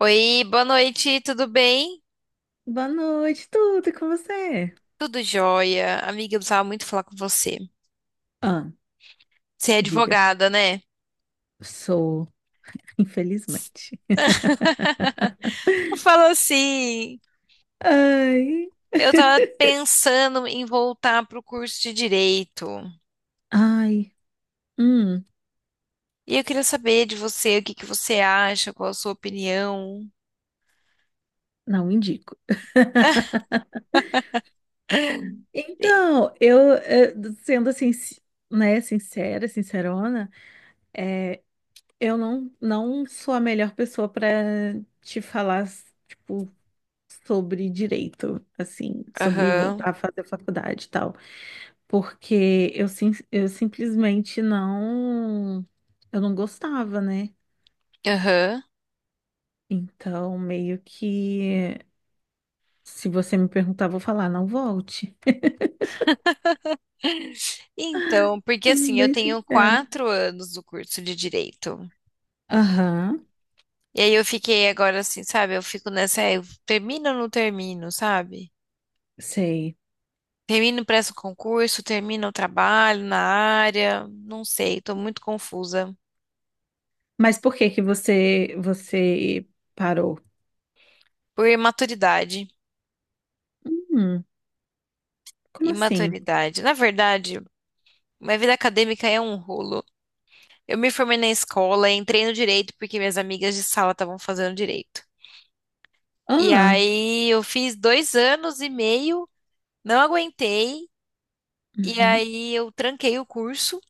Oi, boa noite, tudo bem? Boa noite, tudo e com você? Tudo jóia. Amiga, eu precisava muito falar com você. Ah, Você é diga. advogada, né? Sou, infelizmente. Falou assim. Ai. Eu tava pensando em voltar pro curso de direito. Ai. Hum, E eu queria saber de você, o que que você acha, qual a sua opinião. não indico. E- Então, eu, sendo assim, né, sincera, sincerona, eu não sou a melhor pessoa para te falar, tipo, sobre direito, assim, sobre Aham, voltar a fazer faculdade e tal. Porque eu, sim, eu simplesmente não, eu não gostava, né? aham. Então, meio que, se você me perguntar, eu vou falar, não volte. Então, porque Sendo assim, eu bem tenho sincera. 4 anos do curso de direito. Aham, E aí eu fiquei agora assim, sabe? Eu fico nessa, "É, eu termino ou não termino, sabe? sei. Termino, presto concurso, termino o trabalho na área, não sei, tô muito confusa. Mas por que que você parou? Por imaturidade. Hum, como assim? Imaturidade. Na verdade, minha vida acadêmica é um rolo. Eu me formei na escola, entrei no direito porque minhas amigas de sala estavam fazendo direito. E Ah, aí eu fiz 2 anos e meio, não aguentei, e uhum, aí eu tranquei o curso,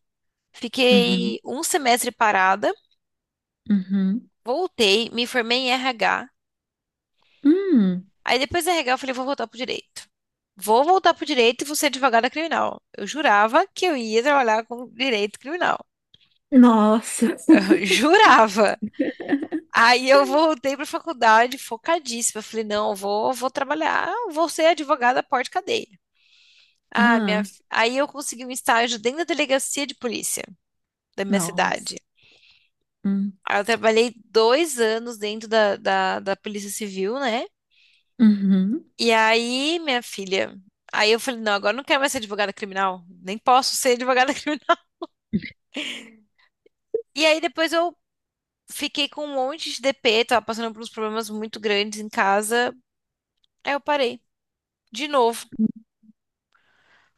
uhum, fiquei um semestre parada, uhum, voltei, me formei em RH. hum, Aí depois da RH eu falei, vou voltar pro direito. Vou voltar pro direito e vou ser advogada criminal. Eu jurava que eu ia trabalhar com direito criminal. Nossa. Eu jurava. Aí eu voltei pra faculdade focadíssima. Eu falei, não, eu vou, vou trabalhar, vou ser advogada porte cadeia. Ah, Ah, aí eu consegui um estágio dentro da delegacia de polícia da minha nossa, cidade. hum, Aí eu trabalhei 2 anos dentro da Polícia Civil, né? uhum, E aí, minha filha, aí eu falei, não, agora eu não quero mais ser advogada criminal, nem posso ser advogada criminal. E aí depois eu fiquei com um monte de DP, tava passando por uns problemas muito grandes em casa, aí eu parei, de novo,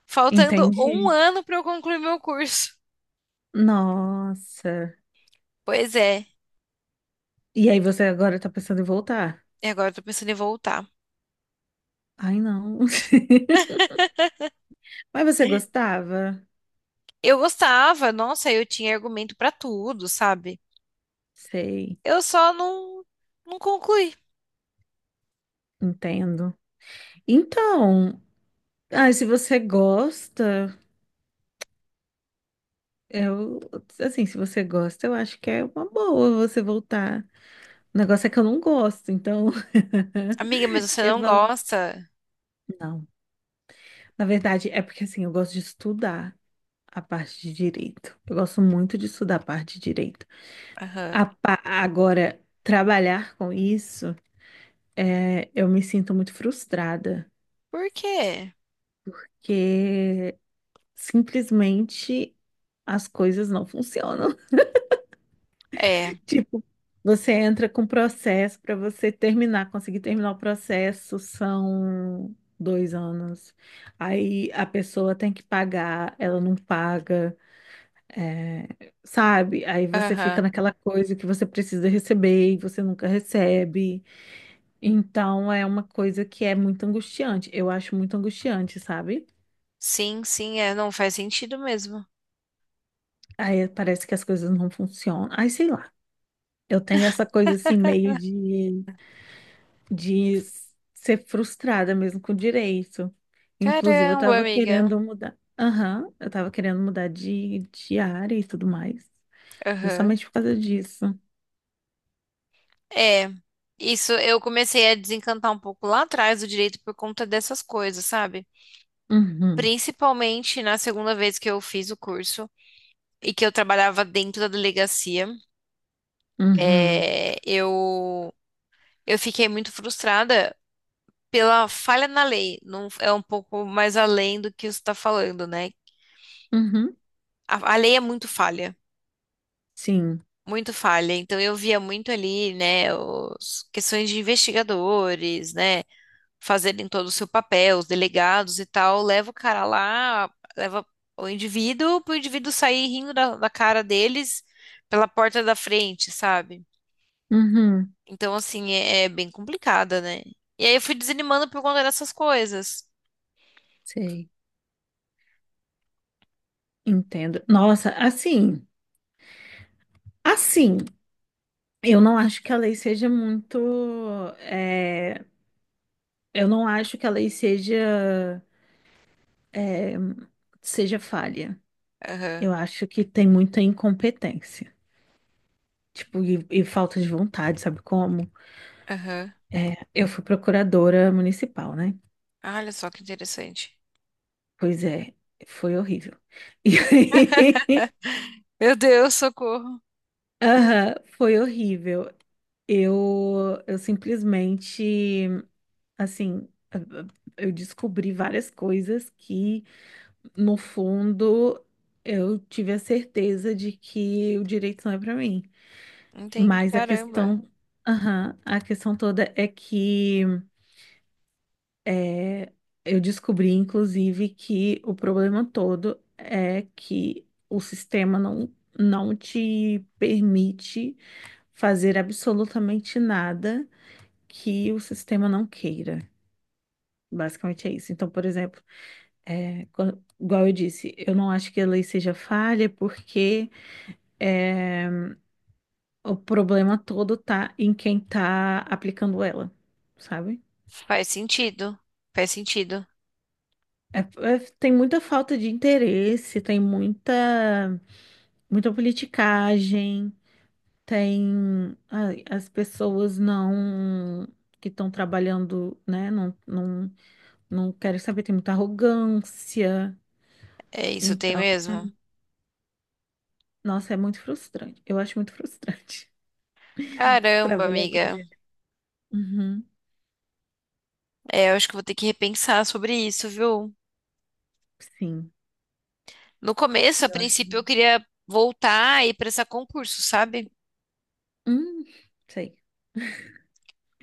faltando um entendi. ano pra eu concluir meu curso. Nossa. Pois é, E aí você agora tá pensando em voltar? e agora eu tô pensando em voltar. Ai, não. Mas você gostava? Eu gostava, nossa, eu tinha argumento pra tudo, sabe? Sei, Eu só não concluí. entendo. Então, ai, se você gosta, eu, assim, se você gosta, eu acho que é uma boa você voltar. O negócio é que eu não gosto, então Amiga, mas você eu não falo, gosta? não. Na verdade, é porque assim, eu gosto de estudar a parte de direito. Eu gosto muito de estudar a parte de direito. Aham. Agora, trabalhar com isso. É, eu me sinto muito frustrada, Por quê? que simplesmente as coisas não funcionam. É. Tipo, você entra com processo para você terminar, conseguir terminar o processo, são 2 anos. Aí a pessoa tem que pagar, ela não paga, é, sabe? Aí você fica Aham. naquela coisa que você precisa receber e você nunca recebe. Então é uma coisa que é muito angustiante. Eu acho muito angustiante, sabe? Sim, sim, é, não faz sentido mesmo. Aí parece que as coisas não funcionam. Aí sei lá. Eu tenho essa coisa assim, de ser frustrada mesmo com o direito. Inclusive, eu Caramba, tava amiga. querendo mudar. Aham, eu tava querendo mudar de área e tudo mais. Aham. Justamente por causa disso. É. Isso eu comecei a desencantar um pouco lá atrás do direito por conta dessas coisas, sabe? Uhum, Principalmente na segunda vez que eu fiz o curso e que eu trabalhava dentro da delegacia, uhum, é, eu, eu fiquei muito frustrada pela falha na lei. Não, é um pouco mais além do que você está falando, né? uhum. A lei é muito falha. Sim, Muito falha. Então eu via muito ali, né, os questões de investigadores, né, fazerem todo o seu papel, os delegados e tal, leva o cara lá, leva o indivíduo para o indivíduo sair rindo da cara deles pela porta da frente, sabe? uhum. Então assim é bem complicada, né? E aí eu fui desanimando por conta dessas coisas. Sei. Entendo. Nossa, assim, eu não acho que a lei seja muito. É, eu não acho que a lei seja. eh, seja falha. Eu Aham, acho que tem muita incompetência, tipo, e falta de vontade, sabe como? aham. Eu fui procuradora municipal, né? Ah, olha só que interessante. Pois é, foi horrível. E aí, Meu Deus, socorro. aham, foi horrível. Eu simplesmente, assim, eu descobri várias coisas que, no fundo, eu tive a certeza de que o direito não é para mim. Entendi, Mas a caramba. questão, aham, a questão toda é que é, eu descobri, inclusive, que o problema todo é que o sistema não, não te permite fazer absolutamente nada que o sistema não queira. Basicamente é isso. Então, por exemplo, é, igual eu disse, eu não acho que a lei seja falha porque é, o problema todo tá em quem tá aplicando ela, sabe? Faz sentido. Faz sentido. É- tem muita falta de interesse, tem muita politicagem, tem ai, as pessoas não que estão trabalhando, né? Não, não querem saber, tem muita arrogância. É isso, tem Então, mesmo? nossa, é muito frustrante. Eu acho muito frustrante Caramba, trabalhar com amiga. dinheiro. Uhum, É, eu acho que eu vou ter que repensar sobre isso, viu? sim, No começo, a eu acho. princípio, eu queria voltar e prestar concurso, sabe? Hum, sei.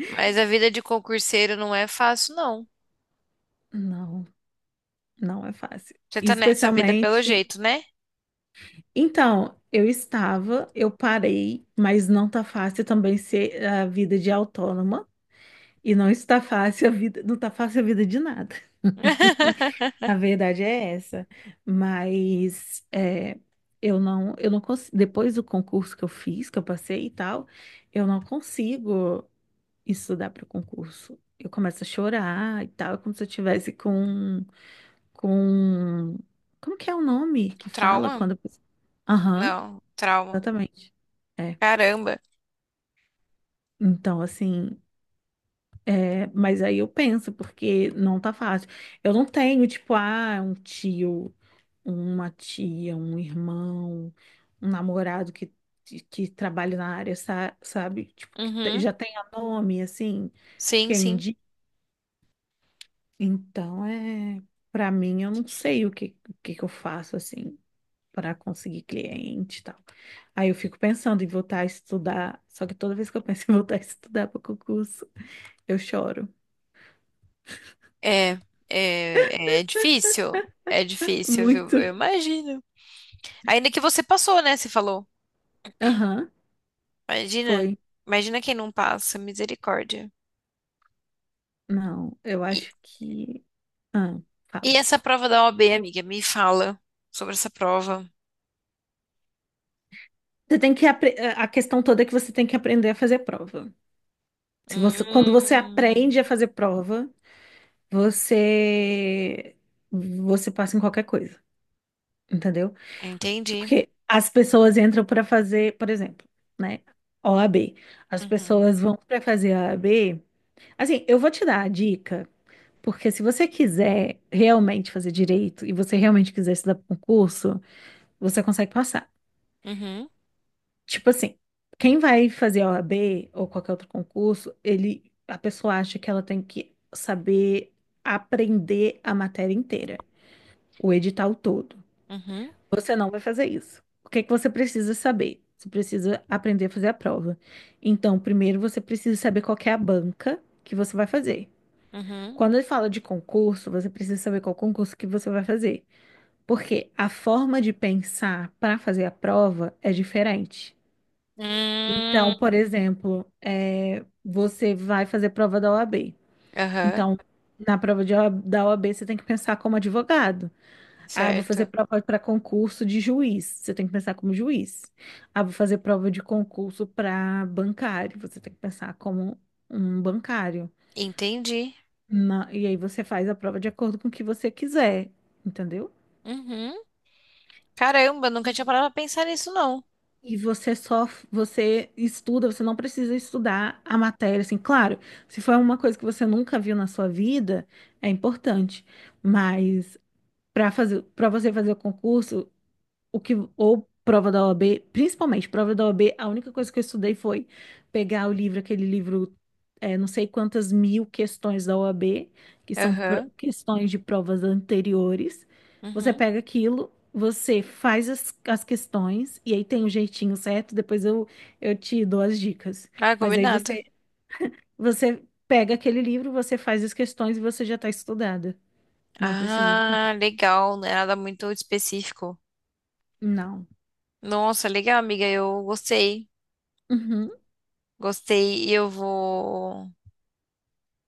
Mas a vida de concurseiro não é fácil, não. Não, não é fácil. Você tá nessa vida pelo Especialmente. jeito, né? Então, eu estava, eu parei, mas não tá fácil também ser a vida de autônoma e não está fácil a vida, não tá fácil a vida de nada. A verdade é essa. Mas é, eu não consigo, depois do concurso que eu fiz, que eu passei e tal, eu não consigo estudar para o concurso. Eu começo a chorar e tal, é como se eu tivesse com como que é o nome que fala Trauma? quando a pessoa... Aham, Não, trauma. exatamente. É, Caramba. então, assim, é, mas aí eu penso, porque não tá fácil. Eu não tenho, tipo, ah, um tio, uma tia, um irmão, um namorado que trabalha na área, sabe? Tipo, Uhum. já tenha nome, assim, Sim, que é sim. indi... Então, é, para mim, eu não sei o que que eu faço, assim, para conseguir cliente e tal. Aí eu fico pensando em voltar a estudar, só que toda vez que eu penso em voltar a estudar para concurso, eu choro. É, é difícil. É difícil, viu? Eu Muito. imagino. Ainda que você passou, né? Você falou. Aham, Imagina, foi. imagina quem não passa, misericórdia. Não, eu E, acho que. Ah, e fala. essa prova da OAB, amiga, me fala sobre essa prova. Você tem que apre... eh, A questão toda é que você tem que aprender a fazer prova. Se você... Quando você aprende Hum, a fazer prova, você você passa em qualquer coisa, entendeu? entendi. Porque as pessoas entram para fazer, por exemplo, né? OAB. As Uhum, pessoas vão para fazer a OAB. Assim, eu vou te dar a dica, porque se você quiser realmente fazer direito e você realmente quiser estudar para concurso, você consegue passar. uhum, Tipo assim, quem vai fazer a OAB ou qualquer outro concurso, ele, a pessoa acha que ela tem que saber aprender a matéria inteira, o edital todo. uhum, Você não vai fazer isso. O que é que você precisa saber? Você precisa aprender a fazer a prova. Então, primeiro você precisa saber qual que é a banca que você vai fazer. uhum. Quando ele fala de concurso, você precisa saber qual concurso que você vai fazer. Porque a forma de pensar para fazer a prova é diferente. Hum, Então, por exemplo, é, você vai fazer prova da OAB. aham, Então, na prova da OAB, você tem que pensar como advogado. Ah, vou fazer certo. prova para concurso de juiz. Você tem que pensar como juiz. Ah, vou fazer prova de concurso para bancário. Você tem que pensar como um bancário. Entendi. E aí você faz a prova de acordo com o que você quiser, entendeu? Uhum. Caramba, nunca tinha parado pra pensar nisso, não. E você só, você estuda, você não precisa estudar a matéria, assim, claro, se for uma coisa que você nunca viu na sua vida, é importante, mas para fazer, para você fazer o concurso, o que ou prova da OAB, principalmente prova da OAB, a única coisa que eu estudei foi pegar o livro, aquele livro, é, não sei quantas mil questões da OAB, que são Aham, questões de provas anteriores. Você uhum. pega aquilo, você faz as questões, e aí tem o jeitinho certo, depois eu te dou as dicas. Ah, Mas aí combinado. Você pega aquele livro, você faz as questões e você já está estudada. Não precisa de mais. Ah, legal, não é nada muito específico. Não. Nossa, legal, amiga, eu gostei. Uhum, Gostei e eu vou.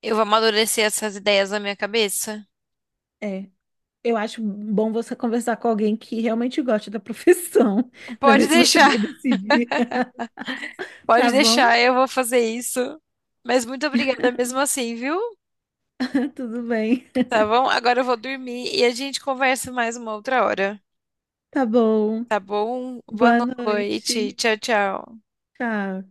Eu vou amadurecer essas ideias na minha cabeça. é. Eu acho bom você conversar com alguém que realmente goste da profissão, para Pode ver se você deixar, vai decidir. pode Tá bom? deixar, eu vou fazer isso. Mas muito obrigada mesmo assim, viu? Tudo bem. Tá bom? Agora eu vou dormir e a gente conversa mais uma outra hora. Tá bom. Tá bom? Boa Boa noite. noite. Tchau, tchau. Tchau.